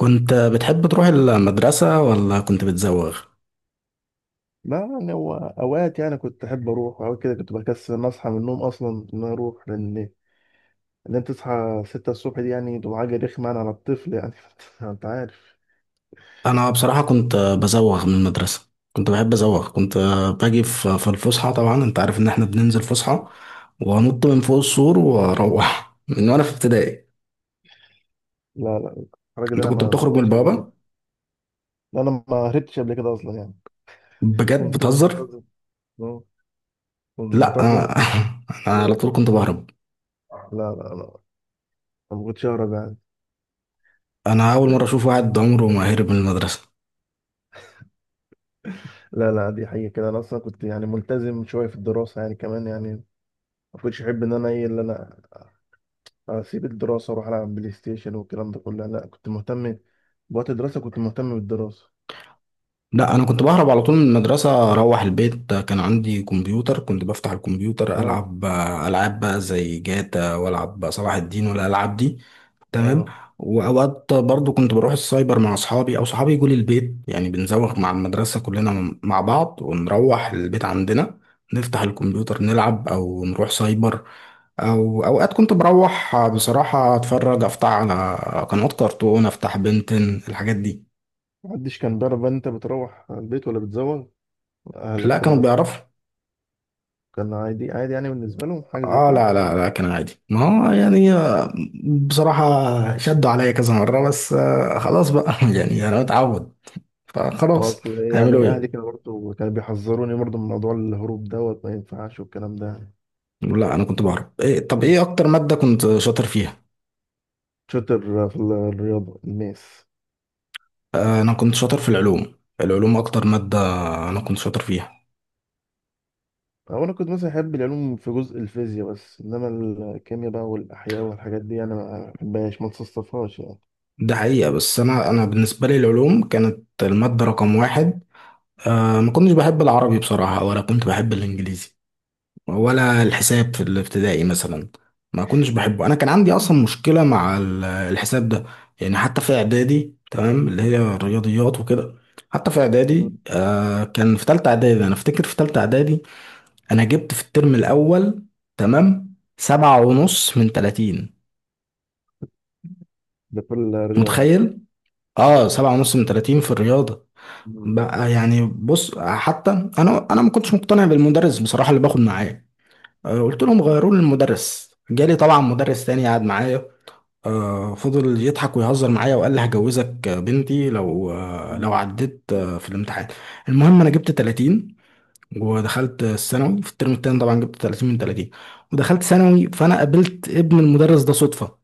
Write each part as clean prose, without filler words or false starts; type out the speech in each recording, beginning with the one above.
كنت بتحب تروح المدرسة ولا كنت بتزوغ؟ لا، يعني هو اوقات يعني كنت احب اروح اوقات كده، كنت بكسل ان اصحى من النوم اصلا، ان أنا اروح، لان ان انت تصحى 6 الصبح دي يعني تبقى حاجه رخمه يعني على الطفل يعني. انت عارف. أنا بصراحة كنت بزوغ من المدرسة. كنت بحب أزوغ. كنت باجي في الفسحة، طبعا أنت عارف إن إحنا بننزل فسحة وأنط من فوق السور وأروح، من وأنا في ابتدائي. لا، لا. الحركه دي أنت انا ما كنت ما بتخرج من عملتهاش قبل كده. البوابة؟ لا، انا ما هربتش قبل كده اصلا يعني. بجد كنت بتهزر؟ منتظم. آه، كنت لأ منتظم أنا على يعني. طول كنت بهرب. لا، لا، لا، أنا ما كنتش اهرب يعني. أنا أول مرة أشوف واحد عمره ما هرب من المدرسة. لا، لا، دي حقيقه كده، انا اصلا كنت يعني ملتزم شويه في الدراسه يعني كمان يعني. ما كنتش احب ان انا ايه اللي انا اسيب الدراسه واروح العب بلاي ستيشن والكلام ده كله. لا، كنت مهتم بوقت الدراسه. كنت مهتم بالدراسه. لا انا كنت بهرب على طول من المدرسه، اروح البيت. كان عندي كمبيوتر، كنت بفتح الكمبيوتر اه. العب العاب بقى زي جاتا، والعب بقى صلاح الدين والالعاب دي. تمام. اه. واوقات برضو كنت بروح السايبر مع اصحابي او صحابي يجوا لي البيت، يعني بنزوغ مع المدرسه مم. كلنا مع بعض ونروح البيت عندنا، نفتح الكمبيوتر نلعب او نروح سايبر. او اوقات كنت بروح بصراحه اتفرج، افتح على قنوات كرتون، افتح بنتن، الحاجات دي. محدش كان بيعرف بقى إن انت بتروح البيت ولا بتزوغ؟ اهلك لا كده كانوا مثلا؟ بيعرفوا. كان عادي، عادي يعني، بالنسبه لهم حاجه زي اه، كده. لا كان عادي. ما هو يعني، بصراحة شدوا عليا كذا مرة، بس خلاص بقى يعني انا متعود، ما فخلاص. اصل إيه هيعملوا يعني، اهلي ايه. كانوا برضه كانوا بيحذروني برضه من موضوع الهروب دوت، ما ينفعش والكلام ده. لا انا كنت بهرب. إيه، طب مم. ايه اكتر مادة كنت شاطر فيها؟ شاطر في الرياضه الماس. انا كنت شاطر في العلوم. العلوم اكتر مادة انا كنت شاطر فيها. هو انا كنت مثلا احب العلوم في جزء الفيزياء بس، انما الكيمياء بقى والاحياء والحاجات دي انا ما بحبهاش، ما تصصفهاش يعني. ده حقيقة. بس انا بالنسبة لي العلوم كانت المادة رقم واحد. ما كنتش بحب العربي بصراحة، ولا كنت بحب الانجليزي، ولا الحساب في الابتدائي مثلا ما كنتش بحبه. انا كان عندي اصلا مشكله مع الحساب ده. يعني حتى في اعدادي، تمام، اللي هي الرياضيات وكده. حتى في اعدادي، آه، كان في تالتة اعدادي، انا افتكر في تالتة اعدادي انا جبت في الترم الاول، تمام، سبعة ونص من تلاتين. ده في الرياضة؟ متخيل؟ اه، سبعة ونص من تلاتين في الرياضة. مم. بقى يعني بص. حتى انا ما كنتش مقتنع بالمدرس بصراحة اللي باخد معاه. قلت لهم غيروا لي المدرس. جالي طبعا مدرس تاني قعد معايا. فضل يضحك ويهزر معايا، وقال لي هجوزك بنتي لو، لو مم. عديت في الامتحان. المهم انا جبت 30 ودخلت الثانوي. في الترم التاني طبعا جبت 30 من 30 ودخلت ثانوي. فانا قابلت ابن المدرس ده صدفة.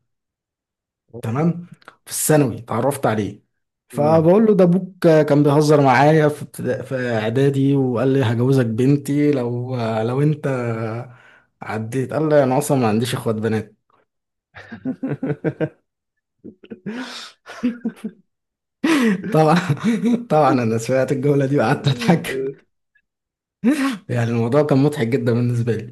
تمام. في الثانوي اتعرفت عليه، مم. فبقول له ده ابوك كان بيهزر معايا في في اعدادي وقال لي هجوزك بنتي لو، لو انت عديت. قال لي انا اصلا ما عنديش اخوات بنات. طبعا. طبعا انا سمعت الجمله دي وقعدت اضحك. يعني الموضوع كان مضحك جدا بالنسبه لي.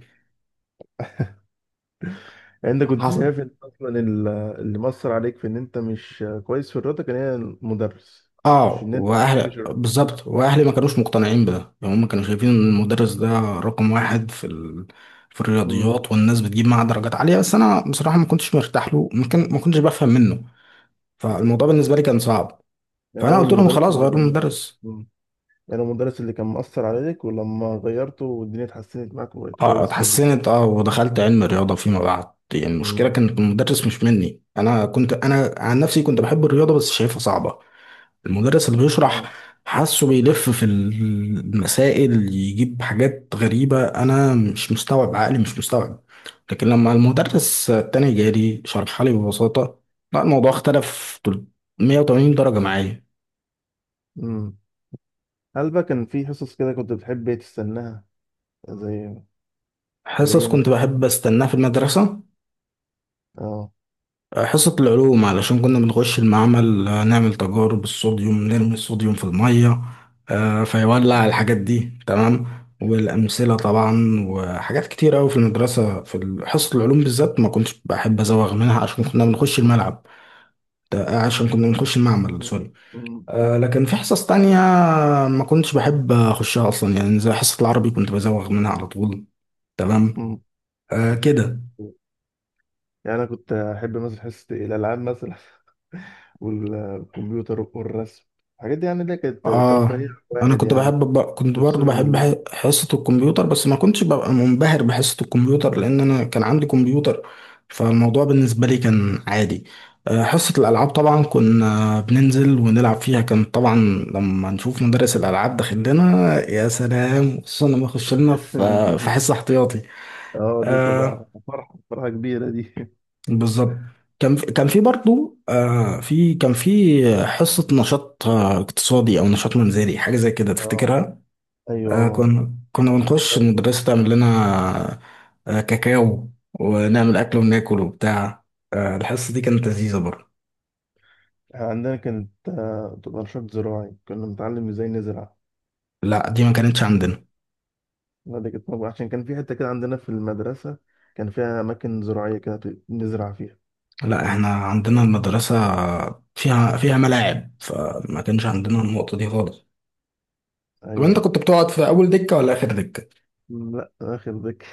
انت كنت حصل. شايف ان اصلا اللي مأثر عليك في ان انت مش كويس في الرياضة كان هي المدرس؟ مش اه، ان انت ما بتحبش واهل الرياضة؟ بالظبط، واهلي ما كانوش مقتنعين بده، يعني هم كانوا شايفين ان المدرس ده رقم واحد في ال... في مم. الرياضيات، والناس بتجيب معاه درجات عاليه، بس انا بصراحه ما كنتش مرتاح له، ما كنتش بفهم منه. فالموضوع بالنسبه لي كان صعب. يعني فانا هو قلت لهم المدرس خلاص اللي غيروا كان. المدرس. مم. يعني هو المدرس اللي كان مأثر عليك، ولما غيرته والدنيا اتحسنت معاك وبقيت اه كويس في الرياضة. اتحسنت، اه، ودخلت علم الرياضه فيما بعد. يعني المشكله مم. كانت المدرس، مش مني انا. كنت انا عن نفسي كنت بحب الرياضه بس شايفها صعبه. المدرس اللي بيشرح، آه. حاسه بيلف في المسائل، يجيب حاجات غريبة أنا مش مستوعب، عقلي مش مستوعب. لكن لما المدرس التاني جالي شرحها لي ببساطة، لا الموضوع اختلف 180 درجة معايا. امم. هل بقى كان في حصص كده كنت بتحب تستناها؟ زي زي حصص كنت مثلا؟ بحب أستناها في المدرسة، اه. حصة العلوم، علشان كنا بنخش المعمل، نعمل تجارب الصوديوم، نرمي الصوديوم في المية، فيولع، الحاجات دي. تمام. والأمثلة طبعا وحاجات كتير أوي في المدرسة، في حصة العلوم بالذات ما كنتش بحب أزوغ منها عشان كنا بنخش مم. الملعب. عشان كنا بنخش المعمل، سوري. مم. لكن في حصص تانية ما كنتش بحب أخشها أصلا، يعني زي حصة العربي كنت بزوغ منها على طول. تمام. مم. كده. يعني انا كنت احب مثلا حصه الالعاب مثلا. والكمبيوتر والرسم، الحاجات دي يعني اللي كانت ترفيهيه اه، انا واحد كنت يعني. بحب ب... كنت برضو تفصله من بحب اليوم. حصة الكمبيوتر، بس ما كنتش ببقى منبهر بحصة الكمبيوتر لان انا كان عندي كمبيوتر، فالموضوع بالنسبة لي كان عادي. حصة الالعاب طبعا كنا بننزل ونلعب فيها، كان طبعا لما نشوف مدرس الالعاب داخل لنا يا سلام، خصوصا لما يخش لنا في حصة احتياطي. اه، دي آه، تبقى فرحه، فرحه كبيره دي. بالظبط. كان في حصة نشاط اقتصادي أو نشاط منزلي، حاجة زي كده اه. تفتكرها؟ ايوه. كنا بنخش المدرسة تعمل لنا كاكاو، ونعمل أكل وناكل وبتاع. الحصة دي كانت لذيذة برضه. عندنا كانت تبقى نشاط زراعي، كنا بنتعلم ازاي نزرع. لا دي ما كانتش عندنا. لا، دي كانت موجودة عشان كان في حتة كده عندنا في المدرسة. كان فيها أماكن زراعية كده نزرع فيها. لا احنا عندنا المدرسة فيها، ملاعب، فما كانش عندنا مم. النقطة دي خالص. طب انت أيوه. كنت بتقعد في أول دكة ولا آخر دكة؟ لا، اخر ذكي.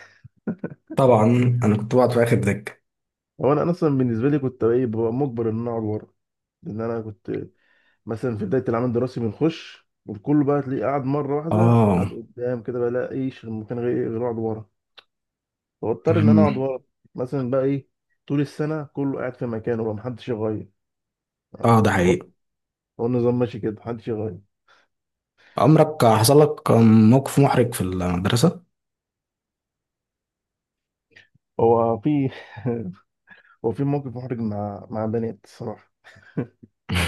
طبعا أنا كنت بقعد في آخر دكة. هو انا اصلا بالنسبه لي كنت ايه ببقى مجبر ان انا اقعد ورا، لان انا كنت مثلا في بدايه العمل الدراسي بنخش، والكل بقى تلاقيه قاعد مره واحده قاعد اه. قدام، كده بقى لا ايش المكان غير اقعد ورا، فاضطر ان انا اقعد مهم. ورا. مثلا بقى ايه، طول السنه كله قاعد في مكانه بقى محدش يغير، هو اه ده حقيقي. هو النظام ماشي كده محدش يغير. عمرك حصل لك موقف محرج في المدرسة؟ هو في. هو في موقف محرج مع بنات الصراحه.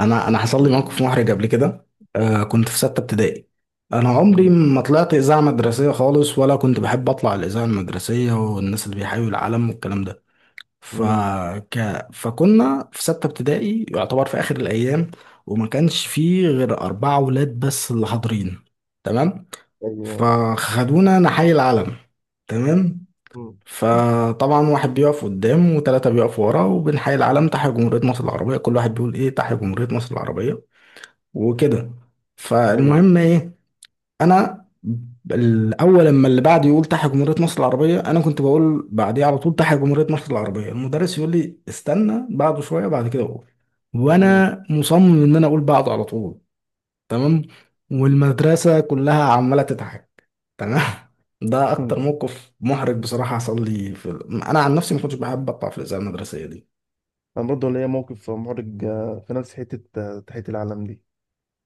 انا حصل لي موقف محرج قبل كده. آه كنت في سته ابتدائي. انا عمري امم. ما طلعت اذاعه مدرسيه خالص، ولا كنت بحب اطلع الاذاعه المدرسيه والناس اللي بيحيوا العالم والكلام ده. امم. فك... فكنا في سته ابتدائي يعتبر في اخر الايام، وما كانش فيه غير اربعه ولاد بس اللي حاضرين. تمام. ايوه. فخدونا نحيي العالم. تمام. امم. فطبعا واحد بيقف قدام وثلاثة بيقفوا ورا وبنحيي العلم. تحيا جمهورية مصر العربية، كل واحد بيقول ايه، تحيا جمهورية مصر العربية، وكده. ايوه. فالمهم ايه، انا الاول لما اللي بعد يقول تحيا جمهورية مصر العربية، انا كنت بقول بعديه على طول تحيا جمهورية مصر العربية. المدرس يقول لي استنى بعده شوية بعد كده اقول، امم. وانا مصمم ان انا اقول بعده على طول. تمام. والمدرسة كلها عمالة تضحك. تمام. ده اكتر موقف محرج بصراحة حصل لي في انا عن نفسي ما كنتش بحب اطلع في الإذاعة المدرسية دي. انا برضه ليا موقف محرج، في نفس حته، تحيه العلم دي.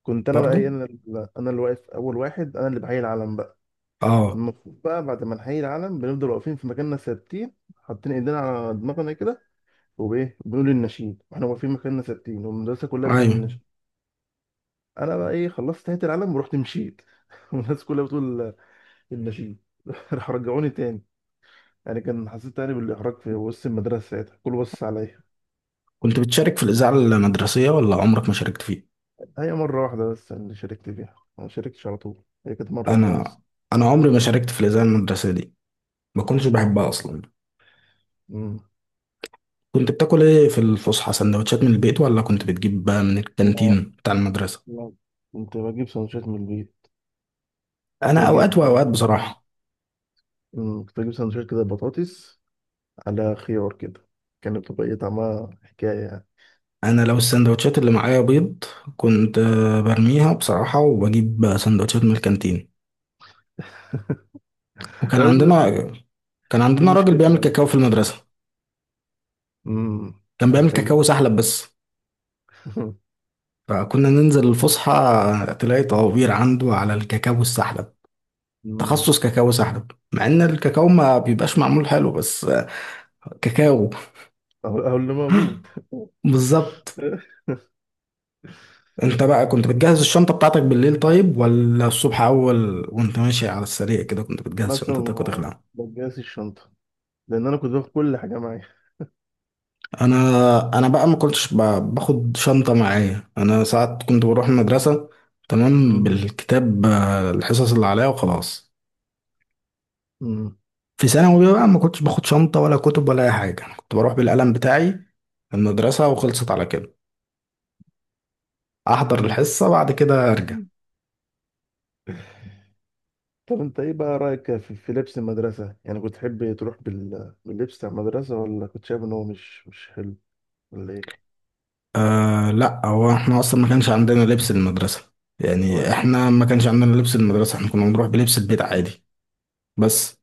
كنت انا بقى برضو. انا انا اللي واقف اول واحد، انا اللي بحيي العلم بقى. اه. المفروض بقى بعد ما نحيي العلم بنفضل واقفين في مكاننا ثابتين، حاطين ايدينا على دماغنا كده، وبايه بنقول النشيد واحنا واقفين مكاننا ثابتين، والمدرسه كلها بتقول ايوه. النشيد. انا بقى ايه، خلصت تحيه العلم ورحت مشيت. والناس كلها بتقول النشيد. راح رجعوني تاني، يعني كان حسيت تاني بالاحراج في وسط المدرسه ساعتها كله بص عليا. كنت بتشارك في الإذاعة المدرسية ولا عمرك ما شاركت فيها؟ هي مرة واحدة بس اللي شاركت فيها. أنا ما شاركتش على طول، هي كانت مرة واحدة انا بس. انا عمري ما شاركت في الاذاعه المدرسيه دي. ما كنتش بحبها اصلا. مم. كنت بتاكل ايه في الفسحه، سندوتشات من البيت ولا كنت بتجيب بقى من لا، الكانتين بتاع المدرسه؟ لا، كنت بجيب سندوتشات من البيت. كنت انا اوقات بجيب. واوقات بصراحه. مم. كنت بجيب سندوتشات كده، بطاطس على خيار كده، كانت بتبقى إيه طعمها حكاية يعني. انا لو السندوتشات اللي معايا بيض، كنت برميها بصراحه وبجيب سندوتشات من الكانتين. وكان قصدك. عندنا، كان في عندنا راجل بيعمل مشكلة. كاكاو في المدرسه، امم. كان بيعمل حلو. كاكاو سحلب بس. فكنا ننزل الفسحه تلاقي طوابير عنده على الكاكاو السحلب. مم. تخصص كاكاو سحب، مع ان الكاكاو ما بيبقاش معمول حلو، بس كاكاو. أهو، أهو اللي موجود. بالظبط. انت بقى كنت بتجهز الشنطة بتاعتك بالليل طيب، ولا الصبح اول وانت ماشي على السريع كده كنت أنا بتجهز أصلا شنطتك ما وتخلع؟ بجهزش الشنطة لأن أنا كنت باخد كل حاجة معايا. انا انا بقى ما كنتش باخد شنطة معايا. انا ساعات كنت بروح المدرسة، تمام، مم. بالكتاب، الحصص اللي عليا وخلاص. مم. في ثانوي بقى ما كنتش باخد شنطة ولا كتب ولا اي حاجة، أنا كنت بروح بالقلم بتاعي المدرسة وخلصت على كده، احضر مم. الحصة بعد كده ارجع. طب انت ايه بقى رأيك في, لبس المدرسة يعني، كنت تحب تروح باللبس بتاع المدرسة، ولا كنت شايف ان هو مش حلو، ولا ايه؟ آه لا، هو احنا اصلا ما كانش عندنا لبس المدرسة. يعني تمام. احنا ما كانش عندنا لبس المدرسة، احنا كنا بنروح بلبس البيت عادي. بس